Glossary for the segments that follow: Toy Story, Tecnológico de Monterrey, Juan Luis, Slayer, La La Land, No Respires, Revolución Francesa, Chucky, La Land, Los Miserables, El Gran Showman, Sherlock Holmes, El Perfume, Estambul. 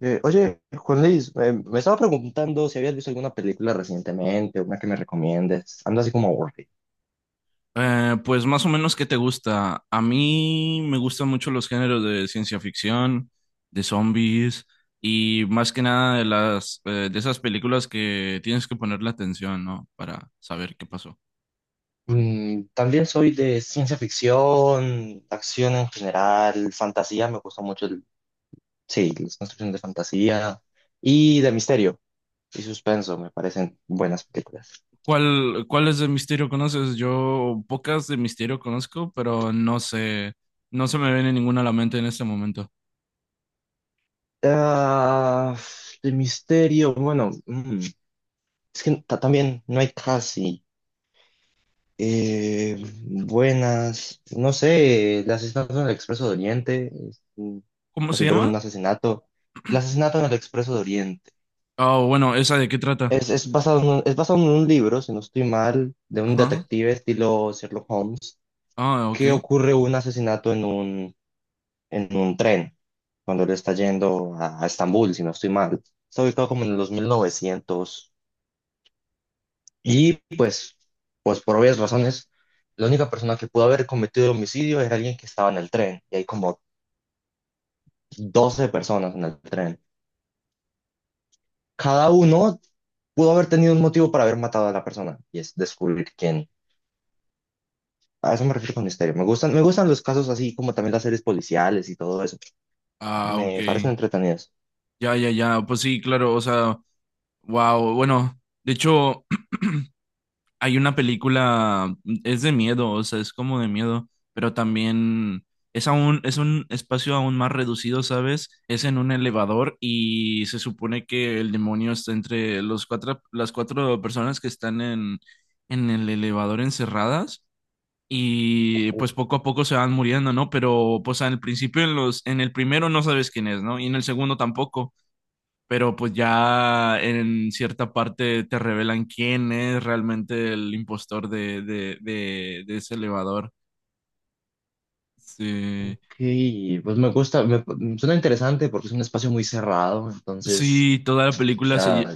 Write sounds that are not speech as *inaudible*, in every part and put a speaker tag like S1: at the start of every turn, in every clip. S1: Oye, Juan Luis, me estaba preguntando si habías visto alguna película recientemente, una que me recomiendes. Ando así como aburrido.
S2: Pues más o menos, ¿qué te gusta? A mí me gustan mucho los géneros de ciencia ficción, de zombies y más que nada de las de esas películas que tienes que ponerle atención, ¿no? Para saber qué pasó.
S1: Mm, también soy de ciencia ficción, acción en general, fantasía, me gusta mucho sí, las construcciones de fantasía y de misterio y suspenso, me parecen buenas películas.
S2: ¿Cuáles de misterio conoces? Yo pocas de misterio conozco, pero no sé, no se me viene ninguna a la mente en este momento.
S1: Ah, de misterio, bueno, mm, también no hay casi. Eh, Buenas, no sé, el asesinato en el Expreso de Oriente, es, mm,
S2: ¿Cómo se
S1: resolver
S2: llama?
S1: un asesinato. El asesinato en el Expreso de Oriente.
S2: Ah, bueno, ¿esa de qué trata?
S1: Es basado en es basado en un libro, si no estoy mal, de un
S2: Ajá.
S1: detective estilo Sherlock Holmes,
S2: Ah, ok.
S1: que ocurre un asesinato en en un tren, cuando él está yendo a Estambul, si no estoy mal. Está ubicado como en los 1900. Y pues, pues por obvias razones, la única persona que pudo haber cometido el homicidio era alguien que estaba en el tren. Y hay como 12 personas en el tren. Cada uno pudo haber tenido un motivo para haber matado a la persona. Y es descubrir quién. A eso me refiero con misterio. Me gustan los casos así como también las series policiales y todo eso.
S2: Ah,
S1: Me parecen
S2: ok.
S1: entretenidas.
S2: Ya, ya, ya. Pues sí, claro, o sea. Wow, bueno, de hecho *clears throat* hay una película, es de miedo, o sea, es como de miedo, pero también es aún, es un espacio aún más reducido, ¿sabes? Es en un elevador y se supone que el demonio está entre las cuatro personas que están en el elevador encerradas y pues poco a poco se van muriendo, ¿no? Pero pues al principio en en el primero no sabes quién es, ¿no? Y en el segundo tampoco, pero pues ya en cierta parte te revelan quién es realmente el impostor de ese elevador. Sí.
S1: Y pues suena interesante porque es un espacio muy cerrado. Entonces,
S2: Sí, toda la
S1: o
S2: película
S1: sea,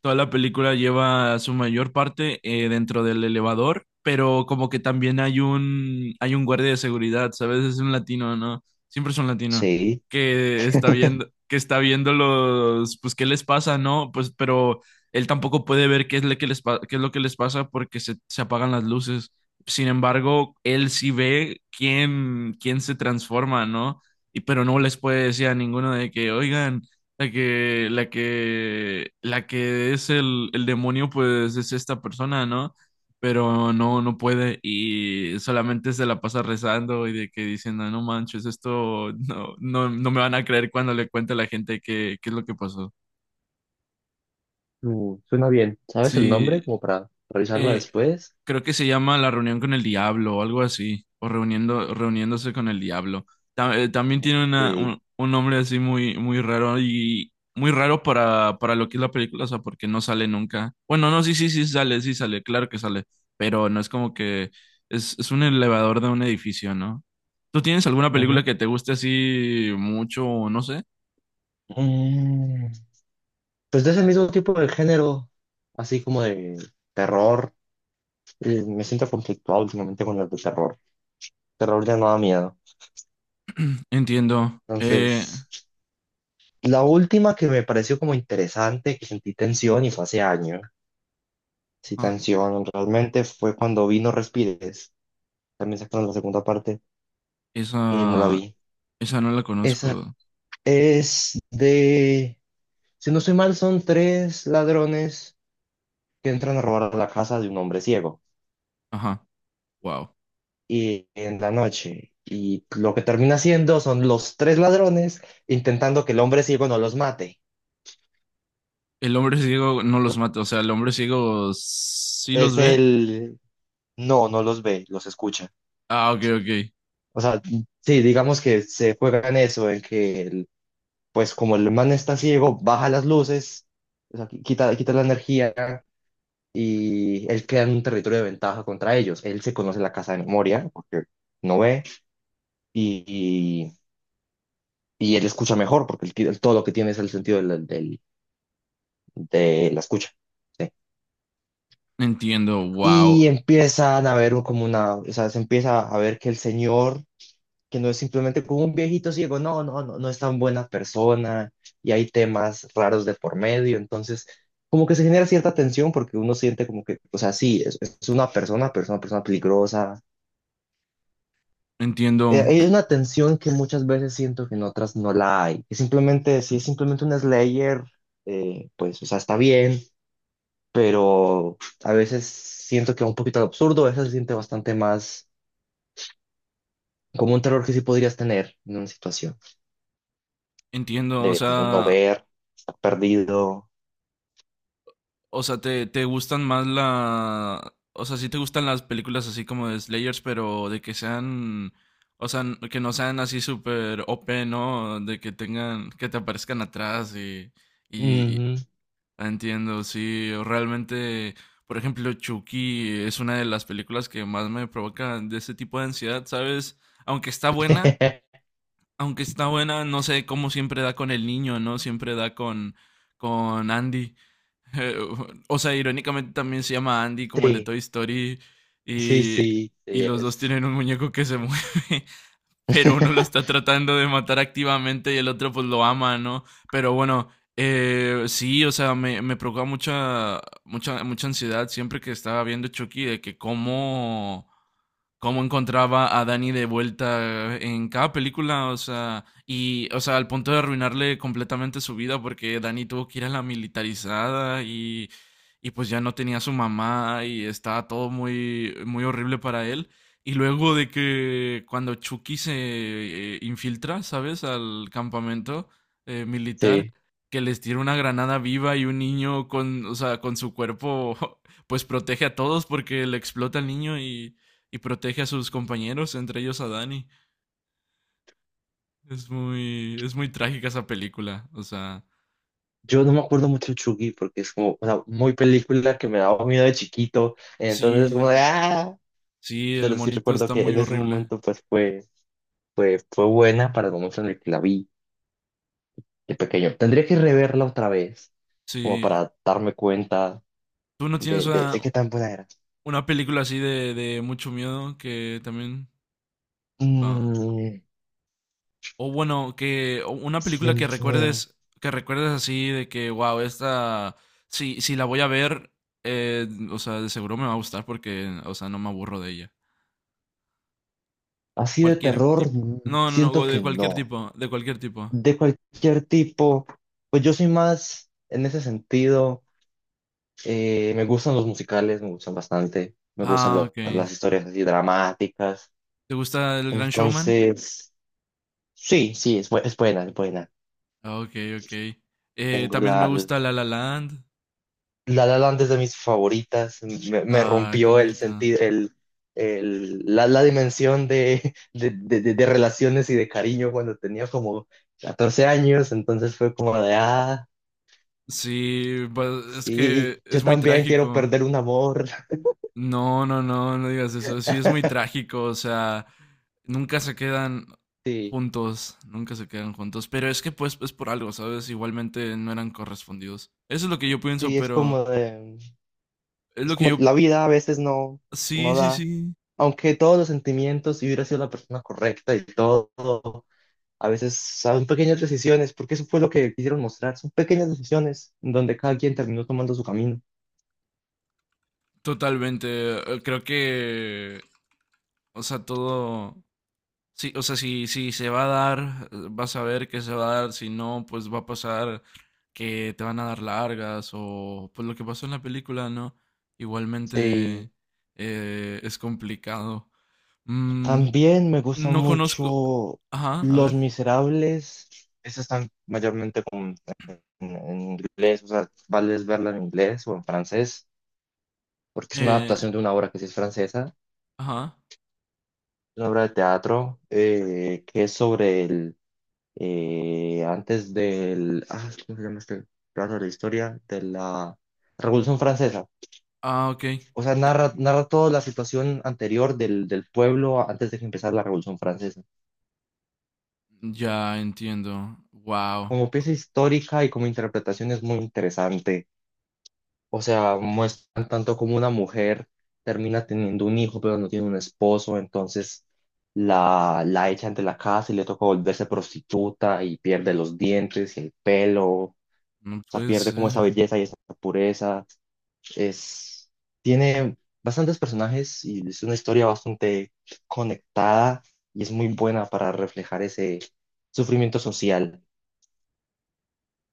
S2: toda la película lleva su mayor parte dentro del elevador, pero como que también hay un guardia de seguridad, ¿sabes? Es un latino, ¿no? Siempre es un latino
S1: sí.
S2: que está
S1: *laughs*
S2: viendo, los pues qué les pasa, ¿no? Pues pero él tampoco puede ver qué es lo que qué es lo que les pasa porque se apagan las luces. Sin embargo, él sí ve quién quién se transforma, ¿no? Y pero no les puede decir a ninguno de que, "Oigan, la que es el demonio, pues es esta persona, ¿no? Pero no, no puede y solamente se la pasa rezando y de que diciendo, no manches, esto no, no, no me van a creer cuando le cuente a la gente qué, qué es lo que pasó.
S1: Suena bien. ¿Sabes el
S2: Sí.
S1: nombre? Como para revisarla
S2: Eh,
S1: después.
S2: Creo que se llama La reunión con el diablo o algo así, o reuniendo, reuniéndose con el diablo. También tiene una,
S1: Sí.
S2: un nombre así muy, muy raro y muy raro para lo que es la película, o sea, porque no sale nunca. Bueno, no, sí, sí, sí sale, claro que sale, pero no es como que es un elevador de un edificio, ¿no? ¿Tú tienes alguna película
S1: Ujú.
S2: que te guste así mucho o no sé?
S1: Mm, pues de ese mismo tipo de género, así como de terror. Me siento conflictuado últimamente con las de terror. Terror ya no da miedo.
S2: Entiendo.
S1: Entonces, la última que me pareció como interesante, que sentí tensión y fue hace años. Sí,
S2: Ah,
S1: tensión realmente fue cuando vi No Respires. También sacaron la segunda parte y no la
S2: esa,
S1: vi.
S2: esa no la
S1: Esa
S2: conozco.
S1: es de, si no soy mal, son tres ladrones que entran a robar la casa de un hombre ciego
S2: Ajá, wow.
S1: y en la noche. Y lo que termina siendo son los tres ladrones intentando que el hombre ciego no los mate.
S2: El hombre ciego no los mata, o sea, el hombre ciego sí los
S1: Es
S2: ve.
S1: el No, no los ve, los escucha.
S2: Ah, ok, ok.
S1: O sea, sí, digamos que se juega en eso, en que pues como el man está ciego, baja las luces, o sea, quita la energía y él queda en un territorio de ventaja contra ellos. Él se conoce la casa de memoria porque no ve y, y él escucha mejor porque todo lo que tiene es el sentido de la escucha. ¿Sí?
S2: Entiendo, wow.
S1: Y empiezan a ver como o sea, se empieza a ver que el señor, que no es simplemente como un viejito ciego, no, no, no, no es tan buena persona y hay temas raros de por medio, entonces, como que se genera cierta tensión porque uno siente como que, o sea, sí, es una persona, pero es una persona peligrosa,
S2: Entiendo,
S1: hay una tensión que muchas veces siento que en otras no la hay. Que simplemente, si es simplemente un Slayer, pues, o sea, está bien, pero a veces siento que va un poquito al absurdo, a veces se siente bastante más como un terror que sí podrías tener en una situación
S2: o
S1: de no, no
S2: sea,
S1: ver, estar perdido.
S2: te, te gustan más la, o sea, sí te gustan las películas así como de Slayers, pero de que sean, o sea, n- que no sean así súper OP, ¿no? De que tengan, que te aparezcan atrás y,
S1: Ujú.
S2: Entiendo, sí, realmente, por ejemplo, Chucky es una de las películas que más me provocan de ese tipo de ansiedad, ¿sabes? Aunque está buena,
S1: *laughs*
S2: no sé cómo siempre da con el niño, ¿no? Siempre da con Andy. *laughs* Eh, o sea, irónicamente también se llama Andy como el de
S1: Sí,
S2: Toy Story
S1: sí,
S2: y,
S1: sí,
S2: y
S1: sí
S2: los dos
S1: es.
S2: tienen un muñeco que se mueve. *laughs* Pero uno lo está
S1: *laughs*
S2: tratando de matar activamente y el otro pues lo ama, ¿no? Pero bueno, sí, o sea, me provoca mucha, mucha, mucha ansiedad siempre que estaba viendo Chucky de que cómo cómo encontraba a Danny de vuelta en cada película, o sea, o sea, al punto de arruinarle completamente su vida porque Danny tuvo que ir a la militarizada y pues ya no tenía a su mamá y estaba todo muy, muy horrible para él. Y luego de que cuando Chucky se infiltra, ¿sabes? Al campamento militar,
S1: Sí.
S2: que les tira una granada viva y un niño con, o sea, con su cuerpo, *laughs* pues protege a todos porque le explota al niño y protege a sus compañeros, entre ellos a Dani. Es muy trágica esa película. O sea,
S1: Yo no me acuerdo mucho de Chucky porque es como, o sea, muy película que me daba miedo de chiquito. Entonces, como de,
S2: sí,
S1: ¡ah!
S2: sí, el
S1: Pero sí
S2: monito
S1: recuerdo
S2: está
S1: que
S2: muy
S1: en ese
S2: horrible.
S1: momento pues fue buena para el momento en el que la vi de pequeño. Tendría que reverla otra vez, como
S2: Sí,
S1: para darme cuenta
S2: tú no tienes
S1: de qué tan buena era.
S2: una película así de mucho miedo que también, ah,
S1: Mm,
S2: o bueno, que o una
S1: sí, de
S2: película
S1: mucho miedo.
S2: que recuerdes así de que, wow, esta, si, si la voy a ver, o sea, de seguro me va a gustar porque, o sea, no me aburro de ella.
S1: Así de
S2: Cualquier
S1: terror,
S2: tipo.
S1: mm,
S2: No, no,
S1: siento
S2: no, de
S1: que
S2: cualquier
S1: no.
S2: tipo, de cualquier tipo.
S1: De cualquier tipo, pues yo soy más en ese sentido. Me gustan los musicales, me gustan bastante. Me gustan
S2: Ah, ok.
S1: las historias así dramáticas.
S2: ¿Te gusta El Gran Showman?
S1: Entonces, sí, sí, es buena, es buena.
S2: Ah, ok, ok.
S1: Tengo
S2: También
S1: la,
S2: me gusta La La Land.
S1: la La Land es de mis favoritas. Me
S2: Ah, qué
S1: rompió el
S2: bonito.
S1: sentido, la dimensión de relaciones y de cariño cuando tenía como 14 años. Entonces fue como de, ah,
S2: Sí, pues, es
S1: sí,
S2: que
S1: yo
S2: es muy
S1: también quiero
S2: trágico.
S1: perder un amor.
S2: No, no, no, no digas eso. Sí, es muy
S1: *laughs*
S2: trágico. O sea, nunca se quedan
S1: Sí,
S2: juntos, nunca se quedan juntos. Pero es que pues es por algo, ¿sabes? Igualmente no eran correspondidos. Eso es lo que yo pienso,
S1: sí, es
S2: pero
S1: como de,
S2: es
S1: es
S2: lo que
S1: como la vida a veces
S2: Sí,
S1: no
S2: sí,
S1: da.
S2: sí.
S1: Aunque todos los sentimientos, si hubiera sido la persona correcta y todo. A veces son pequeñas decisiones, porque eso fue lo que quisieron mostrar. Son pequeñas decisiones en donde cada quien terminó tomando su camino.
S2: Totalmente. Creo O sea, Sí, o sea, si, si se va a dar, vas a ver que se va a dar, si no, pues va a pasar que te van a dar largas o pues lo que pasó en la película, ¿no? Igualmente
S1: Sí.
S2: es complicado. Mm,
S1: También me gustan
S2: no conozco...
S1: mucho
S2: Ajá, a
S1: Los
S2: ver.
S1: Miserables. Esas están mayormente con- En inglés, o sea, vale es verla en inglés o en francés, porque es una
S2: Eh,
S1: adaptación de una obra que sí es francesa.
S2: ajá.
S1: Una obra de teatro que es sobre el. Antes del. Ah, ¿cómo se llama este? Claro, la historia de la Revolución Francesa.
S2: Ah, ok.
S1: O sea, narra toda la situación anterior del pueblo antes de que empezara la Revolución Francesa.
S2: Ya entiendo. Wow.
S1: Como pieza histórica y como interpretación es muy interesante. O sea, muestran tanto como una mujer termina teniendo un hijo, pero no tiene un esposo, entonces la echan de la casa y le toca volverse prostituta y pierde los dientes y el pelo. O
S2: No
S1: sea,
S2: puede
S1: pierde como esa
S2: ser.
S1: belleza y esa pureza. Es, Tiene bastantes personajes y es una historia bastante conectada y es muy buena para reflejar ese sufrimiento social.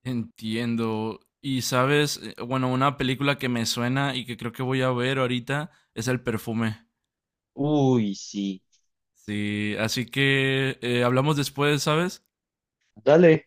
S2: Entiendo. Y sabes, bueno, una película que me suena y que creo que voy a ver ahorita es El Perfume.
S1: Uy, sí.
S2: Sí, así que hablamos después, ¿sabes?
S1: Dale,